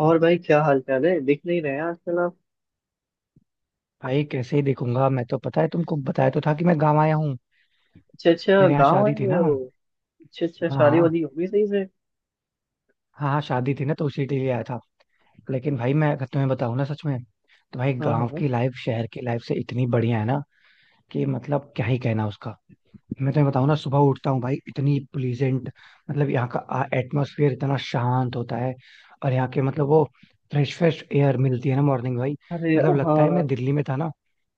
और भाई क्या हाल चाल है, दिख नहीं रहे हैं आजकल आप। भाई कैसे ही देखूंगा मैं, तो पता है तुमको बताया तो था कि मैं गाँव आया हूँ। अच्छा अच्छा, मेरे यहाँ गाँव शादी आए थी हुए ना। हो। हाँ अच्छा अच्छा, शादी हाँ वादी होगी सही से। हाँ। हाँ, शादी थी ना तो उसी के लिए आया था। लेकिन भाई मैं अगर तुम्हें बताऊँ ना, सच में तो भाई हाँ गाँव हाँ। की लाइफ शहर की लाइफ से इतनी बढ़िया है ना कि मतलब क्या ही कहना उसका। मैं तुम्हें बताऊँ ना, सुबह उठता हूँ भाई, इतनी प्लीजेंट, मतलब यहाँ का एटमोसफियर इतना शांत होता है। और यहाँ के मतलब वो फ्रेश फ्रेश एयर मिलती है ना मॉर्निंग भाई। अरे मतलब लगता है हाँ मैं दिल्ली में था ना,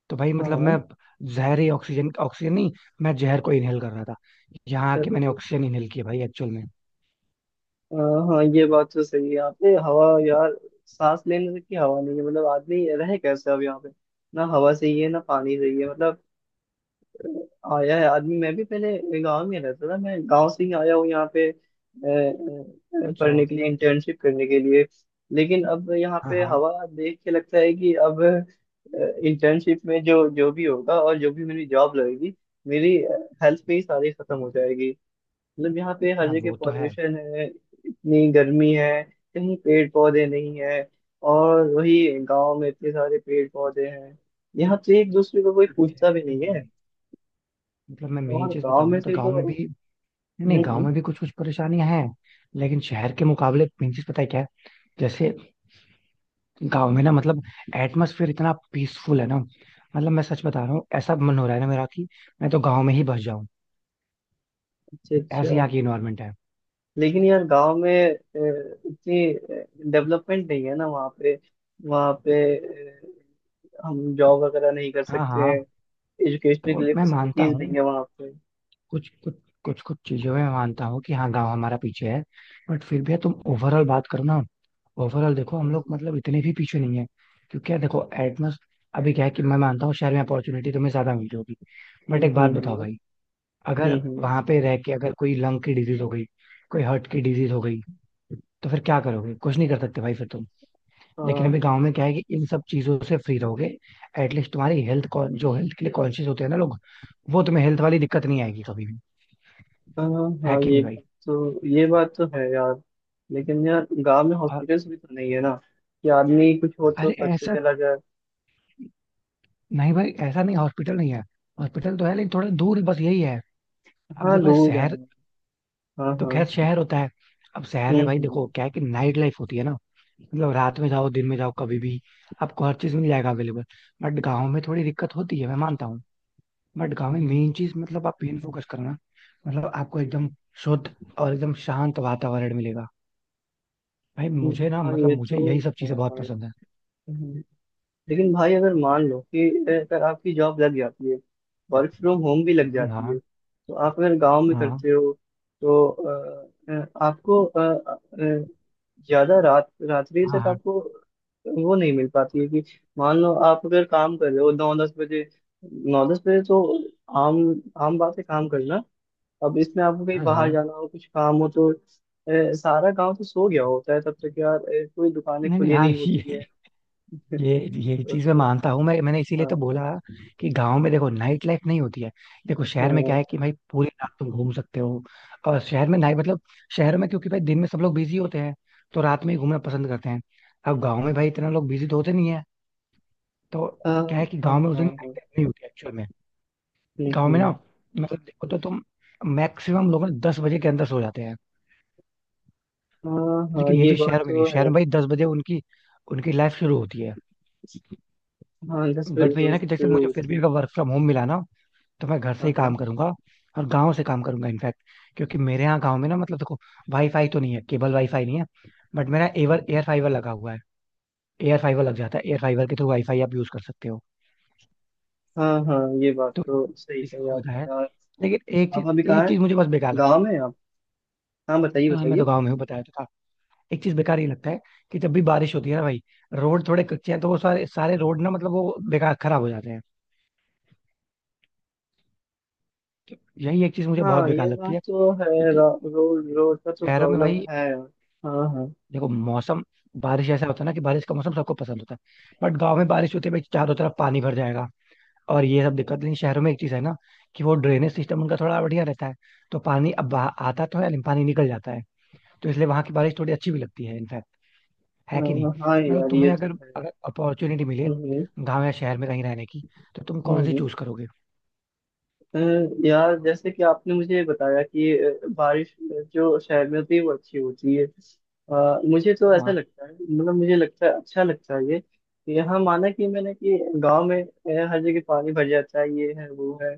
तो भाई मतलब हाँ। मैं जहरी ऑक्सीजन, ऑक्सीजन नहीं, मैं जहर को इनहेल कर रहा था। यहाँ आके अरे मैंने ऑक्सीजन इनहेल किया भाई, एक्चुअल में। हाँ हाँ, ये बात तो सही है आपने। हवा यार, सांस लेने तक की हवा नहीं है, मतलब आदमी रहे कैसे अब यहाँ पे। ना हवा सही है, ना पानी सही है, मतलब आया है आदमी। मैं भी पहले गांव में रहता था, मैं गांव से ही आया हूँ यहाँ पे अच्छा। पढ़ने के लिए, इंटर्नशिप करने के लिए। लेकिन अब यहाँ हाँ पे हाँ हवा देख के लगता है कि अब इंटर्नशिप में जो जो भी होगा और जो भी मेरी जॉब लगेगी, मेरी हेल्थ पे ही सारी खत्म हो जाएगी। मतलब यहाँ पे हर हाँ। जगह वो तो है। पॉल्यूशन है, इतनी गर्मी है, कहीं पेड़ पौधे नहीं है। और वही गांव में इतने सारे पेड़ पौधे हैं। यहाँ पे एक दूसरे को कोई पूछता भी एग्जैक्टली नहीं है। exactly। मतलब मैं मेन और चीज गांव बताऊँ में ना तो से गांव तो। में भी, नहीं नहीं, गांव हम्म। में भी कुछ कुछ परेशानियां हैं, लेकिन शहर के मुकाबले मेन चीज पता है क्या है? जैसे गांव में ना मतलब एटमोसफियर इतना पीसफुल है ना। मतलब मैं सच बता रहा हूँ, ऐसा मन हो रहा है ना मेरा कि मैं तो गांव में ही बस जाऊं। अच्छा ऐसी अच्छा। यहाँ की इन्वायरमेंट है। लेकिन यार गांव में इतनी डेवलपमेंट नहीं है ना वहाँ पे। वहाँ पे हम जॉब वगैरह नहीं कर हाँ सकते हैं। हाँ। एजुकेशन तो के लिए मैं मानता फैसिलिटीज नहीं हूँ है वहाँ पे। कुछ कुछ कुछ कुछ चीजों में मैं मानता हूँ कि हाँ, गांव हमारा पीछे है। बट फिर भी यार, तुम ओवरऑल बात करो ना, ओवरऑल देखो हम लोग हम्म मतलब इतने भी पीछे नहीं है। क्योंकि यार देखो, एटमोस्ट अभी क्या है कि मैं मानता हूँ शहर में अपॉर्चुनिटी तुम्हें ज्यादा मिल होगी, बट हम्म। एक बात बताओ भाई, अगर हम्म। हम्म। वहां पे रह के अगर कोई लंग की डिजीज हो गई, कोई हार्ट की डिजीज हो गई, तो फिर क्या करोगे, कुछ नहीं कर सकते भाई फिर तुम। लेकिन हाँ अभी गांव में क्या है कि इन सब चीजों से फ्री रहोगे। एटलीस्ट तुम्हारी हेल्थ, जो हेल्थ के लिए कॉन्शियस होते हैं ना लोग, वो तुम्हें हेल्थ वाली दिक्कत नहीं आएगी कभी भी। हाँ हाँ है हाँ, कि नहीं भाई? ये बात तो है यार। लेकिन यार गांव में हॉस्पिटल्स भी तो नहीं है ना, कि आदमी कुछ हो तो अरे फट से ऐसा चला जाए। नहीं भाई, ऐसा नहीं, हॉस्पिटल नहीं है, हॉस्पिटल तो है लेकिन थोड़ा दूर है, बस यही है। अब हाँ देखो दूर है। शहर, हाँ तो हाँ। खैर शहर होता है। अब शहर में भाई देखो हम्म। क्या है कि नाइट लाइफ होती है ना, मतलब रात में जाओ दिन में जाओ कभी भी आपको हर चीज मिल जाएगा अवेलेबल। बट गाँव में थोड़ी दिक्कत होती है, मैं मानता हूँ। बट गाँव में हम्म। मेन चीज मतलब आप मेन फोकस करना, मतलब आपको एकदम शुद्ध और एकदम शांत वातावरण मिलेगा। भाई मुझे ना हाँ मतलब ये तो मुझे यही सब है चीजें बहुत भाई। पसंद हम्म। लेकिन भाई अगर मान लो कि अगर आपकी जॉब लग जाती है, वर्क फ्रॉम होम भी लग है। जाती है, हाँ तो आप अगर गांव में हाँ करते हो तो आपको अ, ज्यादा रात्रि हाँ तक हाँ आपको वो नहीं मिल पाती है। कि मान लो आप अगर काम कर रहे हो नौ दस बजे, नौ दस बजे तो आम, आम बात है काम करना। अब इसमें आपको कहीं हाँ बाहर हाँ। जाना हो कुछ काम हो तो सारा गांव तो सो गया होता है तब तक यार, कोई दुकानें नहीं नहीं, खुली हाँ नहीं होती है। ये ये चीज मैं मानता हूँ, मैंने इसीलिए हाँ तो बोला हाँ कि गांव में देखो नाइट लाइफ नहीं होती है। देखो शहर में हाँ। क्या है कि भाई पूरी रात तुम घूम सकते हो। और शहर में नाइट मतलब, शहर में क्योंकि भाई दिन में सब लोग बिजी होते हैं तो रात में ही घूमना पसंद करते हैं। अब गांव में भाई इतना लोग बिजी तो होते नहीं है, तो हाँ क्या है कि हाँ गांव में उस दिन नाइट हाँ। लाइफ नहीं होती एक्चुअल में। हम्म, गाँव में ना हम्म। मतलब देखो तो तुम, मैक्सिमम लोग ना 10 बजे के अंदर सो जाते हैं। हाँ हाँ, लेकिन ये ये चीज बात शहर में नहीं है, तो शहर है। में भाई 10 बजे उनकी उनकी लाइफ शुरू होती है। हाँ दस बजे बट भैया तो ना कि जैसे शुरू मुझे फिर होती भी है। अगर वर्क फ्रॉम होम मिला ना, तो मैं घर से हाँ ही हाँ काम करूंगा, और गांव से काम करूंगा इनफैक्ट। क्योंकि मेरे यहाँ गांव में ना मतलब देखो, वाईफाई तो नहीं है, केबल वाईफाई नहीं है, बट मेरा एवर एयर फाइबर लगा हुआ है। एयर फाइबर लग जाता है, एयर फाइबर के थ्रू वाईफाई आप यूज कर सकते हो, हाँ हाँ, ये बात तो तो सही इसकी कही सुविधा है। आपने यार। लेकिन एक आप चीज अभी कहाँ एक है, चीज मुझे बस बेकार लगता गाँव है में हैं आप? हाँ बताइए भाई। हाँ मैं तो बताइए। गाँव में हूँ, बताया तो था। एक चीज बेकार ये लगता है कि जब भी बारिश होती है ना भाई, रोड थोड़े कच्चे हैं तो वो सारे सारे रोड ना मतलब वो बेकार खराब हो जाते हैं, तो यही एक चीज मुझे बहुत हाँ बेकार ये लगती बात है। तो है। क्योंकि रोड रोड का तो शहरों में प्रॉब्लम भाई है यार। हाँ हाँ। देखो मौसम, बारिश ऐसा होता है ना कि बारिश का मौसम सबको पसंद होता है, बट गांव में बारिश होते भाई चारों तरफ पानी भर जाएगा। और ये सब दिक्कत नहीं शहरों में, एक चीज है ना कि वो ड्रेनेज सिस्टम उनका थोड़ा बढ़िया रहता है, तो पानी अब बाहर आता तो है लेकिन पानी निकल जाता है। तो इसलिए वहां की बारिश थोड़ी अच्छी भी लगती है इनफैक्ट। है हाँ कि हाँ नहीं? हाँ, मतलब यार ये तुम्हें तो अगर है। अगर अपॉर्चुनिटी मिले हम्म गाँव या शहर में कहीं रहने की, तो तुम कौन सी हम्म। चूज करोगे? अ, यार जैसे कि आपने मुझे बताया कि बारिश जो शहर में होती है वो अच्छी होती है, मुझे तो ऐसा वहाँ लगता है, मतलब मुझे लगता है अच्छा लगता है ये, कि यहाँ माना कि मैंने कि गांव में हर जगह पानी भर जाता है, ये है वो है,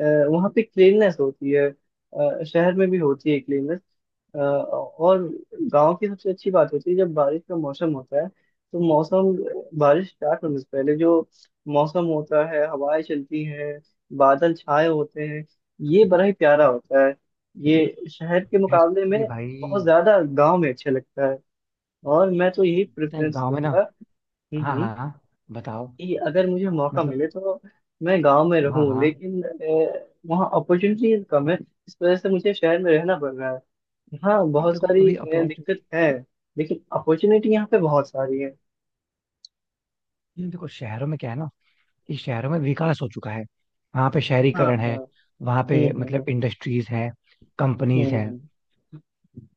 अ, वहाँ पे क्लीननेस होती है, शहर में भी होती है क्लीननेस। और गांव की सबसे अच्छी बात होती है जब बारिश का मौसम होता है, तो मौसम, बारिश स्टार्ट होने से पहले जो मौसम होता है, हवाएं चलती हैं, बादल छाए होते हैं, ये बड़ा ही प्यारा होता है। ये शहर के मुकाबले में एक्चुअली भाई, बहुत ज्यादा गांव में अच्छा लगता है। और मैं तो यही पता है प्रेफरेंस गाँव में ना, दूंगा। हम्म हाँ हम्म। हाँ हाँ, बताओ कि अगर मुझे मौका मतलब, मिले तो मैं गांव में हाँ रहूं, हाँ, लेकिन वहाँ अपॉर्चुनिटीज कम है, इस वजह से मुझे शहर में रहना पड़ रहा है। यहाँ बहुत देखो सारी अभी अपॉर्चुनिटी, दिक्कत है, लेकिन अपॉर्चुनिटी यहाँ पे बहुत सारी है। देखो शहरों में क्या है ना कि शहरों में विकास हो चुका है, वहां पे हाँ शहरीकरण हाँ। है, वहां पे हम्म मतलब हम्म। इंडस्ट्रीज हैं, कंपनीज हैं। हम्म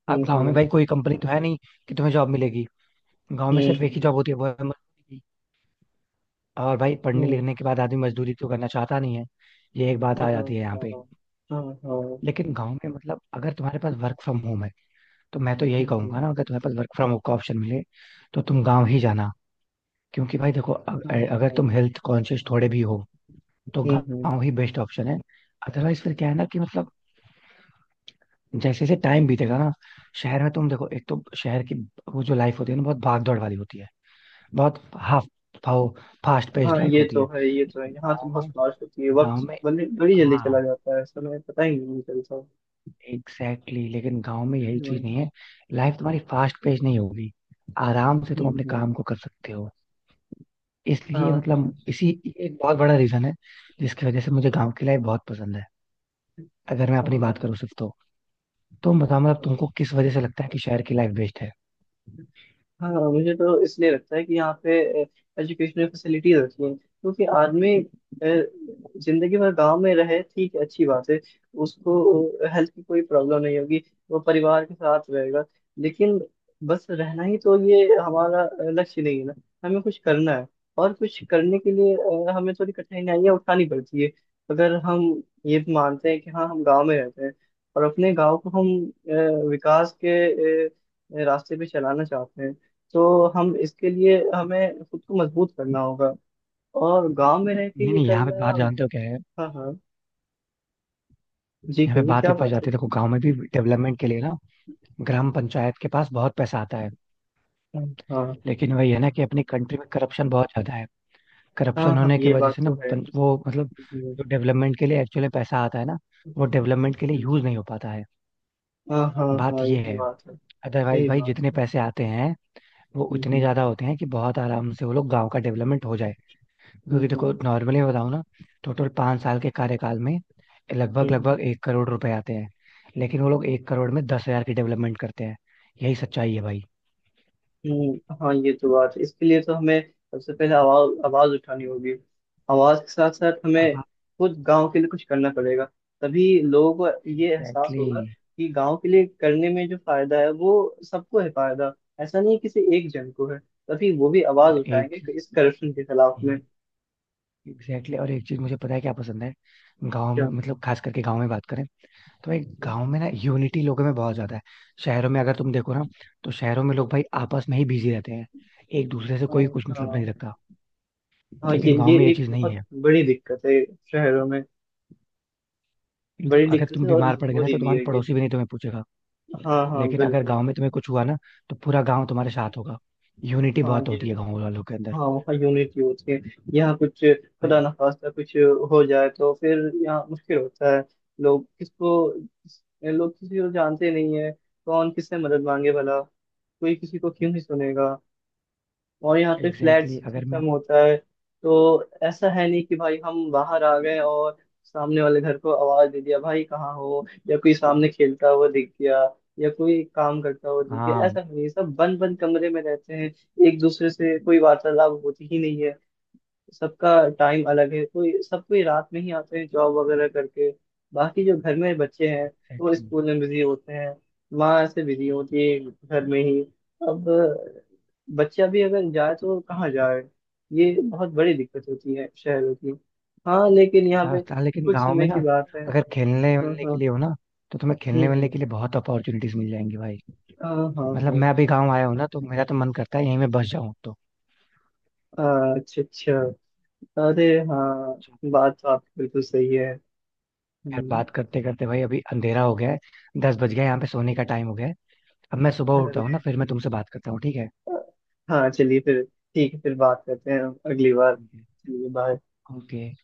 अब हम्म। गाँव में भाई कोई कंपनी तो है नहीं कि तुम्हें जॉब मिलेगी। गाँव में सिर्फ एक ही हम्म। जॉब होती है, वो है मजदूरी। और भाई हम्म पढ़ने हम्म। लिखने के बाद आदमी मजदूरी तो करना चाहता नहीं है। ये एक बात हाँ आ जाती है यहाँ पे। हाँ हाँ हाँ। लेकिन गाँव में मतलब अगर तुम्हारे पास वर्क फ्रॉम होम है, तो मैं तो यही हम्म, कहूंगा ना, अगर तुम्हारे पास वर्क फ्रॉम होम का ऑप्शन मिले तो तुम गाँव ही जाना। क्योंकि भाई देखो, हाँ, अगर तुम हाँ, हेल्थ कॉन्शियस थोड़े भी हो तो गाँव हम्म। ही बेस्ट ऑप्शन है। अदरवाइज फिर क्या है ना कि मतलब जैसे जैसे टाइम बीतेगा ना, शहर में तुम देखो एक तो शहर की वो जो लाइफ होती है ना, बहुत भाग दौड़ वाली होती है, बहुत हाफ फाओ फास्ट हाँ, पेस्ड लाइफ ये होती तो है। है, ये तो है, यहाँ तो गाँव बहुत में लाश होती है, गाँव वक्त में बड़ी बड़ी जल्दी चला हाँ जाता है, समय पता ही नहीं चलता। एग्जैक्टली exactly, लेकिन गाँव में यही चीज हम्म नहीं है। लाइफ तुम्हारी फास्ट पेस्ड नहीं होगी, आराम से तुम हम्म। अपने हम्म। काम को कर सकते हो। हाँ इसलिए हाँ मतलब इसी, एक बहुत बड़ा रीजन है जिसकी वजह से मुझे गाँव की लाइफ बहुत पसंद है, अगर मैं हाँ अपनी बात हाँ। करूँ सिर्फ तो। तुम बताओ मतलब, हाँ। तुमको किस वजह से लगता है कि शहर की लाइफ बेस्ट है? हाँ हाँ, मुझे तो इसलिए लगता है कि यहाँ पे एजुकेशनल फैसिलिटीज अच्छी हैं, क्योंकि आदमी जिंदगी भर गांव में रहे, ठीक है अच्छी बात है, उसको हेल्थ की कोई प्रॉब्लम नहीं होगी, वो परिवार के साथ रहेगा। लेकिन बस रहना ही तो ये हमारा लक्ष्य नहीं है ना, हमें कुछ करना है। और कुछ करने के लिए हमें थोड़ी कठिनाइयाँ उठानी पड़ती है। अगर हम ये मानते हैं कि हाँ हम गाँव में रहते हैं और अपने गाँव को हम विकास के रास्ते पे चलाना चाहते हैं, तो हम इसके लिए, हमें खुद को मजबूत करना होगा। और गांव में रह के नहीं ये नहीं, यहाँ पे करना। बात जानते हो क्या है, हाँ हाँ, जी यहाँ पे कहिए बात क्या ये फंस बात है। जाती है, देखो गांव में भी डेवलपमेंट के लिए ना ग्राम पंचायत के पास बहुत पैसा आता है। हाँ हाँ लेकिन वही है ना कि अपनी कंट्री में करप्शन बहुत ज्यादा है, हाँ करप्शन हाँ, होने की ये वजह बात से ना तो है। वो मतलब हम्म, जो डेवलपमेंट के लिए एक्चुअली पैसा आता है ना, वो डेवलपमेंट के लिए हम्म। यूज नहीं हो पाता है। हाँ हाँ बात हाँ, ये यही है। बात है। अदरवाइज यही भाई बात जितने है। पैसे आते हैं वो उतने ज्यादा हम्म। होते हैं कि बहुत आराम से वो लोग गाँव का डेवलपमेंट हो जाए। क्योंकि देखो हम्म। नॉर्मली बताऊं ना, टोटल 5 साल के कार्यकाल में लगभग हम्म। लगभग 1 करोड़ रुपए आते हैं। लेकिन वो लोग 1 करोड़ में 10,000 की डेवलपमेंट करते हैं, यही सच्चाई है भाई। हाँ ये तो बात है। इसके लिए तो हमें सबसे पहले आवाज आवाज उठानी होगी। आवाज के साथ साथ हमें हाँ खुद गांव के लिए कुछ करना पड़ेगा, तभी लोगों को ये एहसास एग्जैक्टली होगा exactly। कि गांव के लिए करने में जो फायदा है, वो सबको है फायदा। ऐसा नहीं है किसी एक जन को है। तभी वो भी आवाज और एक उठाएंगे कि चीज, इस करप्शन के खिलाफ में। एग्जैक्टली exactly, और एक चीज मुझे पता है क्या पसंद है? गांव में, क्या? मतलब खास करके गांव में बात करें तो भाई, गांव में ना यूनिटी लोगों में बहुत ज्यादा है। शहरों में अगर तुम देखो ना, तो शहरों में लोग भाई आपस में ही बिजी रहते हैं, एक दूसरे से हाँ कोई कुछ मतलब नहीं हाँ रखता। हाँ, ये लेकिन गांव ये में ये एक चीज नहीं बहुत है, बड़ी दिक्कत है शहरों में। मतलब बड़ी अगर दिक्कत तुम है और बीमार पड़ गए ना मजबूरी तो भी तुम्हारे है ये। पड़ोसी भी नहीं तुम्हें पूछेगा। हाँ हाँ, लेकिन अगर बिल्कुल गांव में तुम्हें बिल्कुल। कुछ हुआ ना तो पूरा गांव तुम्हारे साथ होगा, यूनिटी हाँ बहुत ये। होती है गांव वालों के अंदर हाँ वहाँ यूनिटी होती है। यहाँ कुछ भाई। खुदा ना खास्ता कुछ हो जाए तो फिर यहाँ मुश्किल होता है। लोग किसी को जानते नहीं है, कौन किससे मदद मांगे, भला कोई किसी को क्यों ही सुनेगा। और यहाँ पे फ्लैट एग्जैक्टली exactly, अगर मैं, सिस्टम होता है, तो ऐसा है नहीं कि भाई हम बाहर आ गए और सामने वाले घर को आवाज दे दिया भाई कहाँ हो, या कोई सामने खेलता हुआ दिख गया या कोई काम करता हुआ दिख गया। हाँ ऐसा नहीं है, सब बंद बंद कमरे में रहते हैं, एक दूसरे से कोई वार्तालाप होती ही नहीं है। सबका टाइम अलग है, कोई रात में ही आते हैं जॉब वगैरह करके, बाकी जो घर में बच्चे हैं वो एग्जैक्टली, स्कूल में बिजी होते हैं, माँ ऐसे बिजी होती है घर में ही। अब बच्चा भी अगर जाए तो कहाँ जाए, ये बहुत बड़ी दिक्कत होती है शहरों की। हाँ लेकिन यहाँ हाँ पे हाँ, लेकिन कुछ गांव में समय ना, की बात है। अगर खेलने हाँ वेलने के हाँ। लिए हो ना तो तुम्हें खेलने वेलने हम्म। के लिए बहुत अपॉर्चुनिटीज मिल जाएंगी भाई। हाँ हाँ मतलब हाँ। मैं अभी गांव आया हूँ ना तो मेरा तो मन करता है यहीं में बस जाऊं तो। अच्छा अच्छा। अरे हाँ, बात तो आपकी बिल्कुल सही है। यार हम्म। बात करते करते भाई अभी अंधेरा हो गया है, 10 बज गया है, यहाँ पे सोने का टाइम हो गया है। अब मैं सुबह उठता अरे हूँ ना फिर मैं तुमसे बात करता हूँ, ठीक है। हाँ, चलिए फिर, ठीक है, फिर बात करते हैं अगली बार, चलिए बाय। ओके।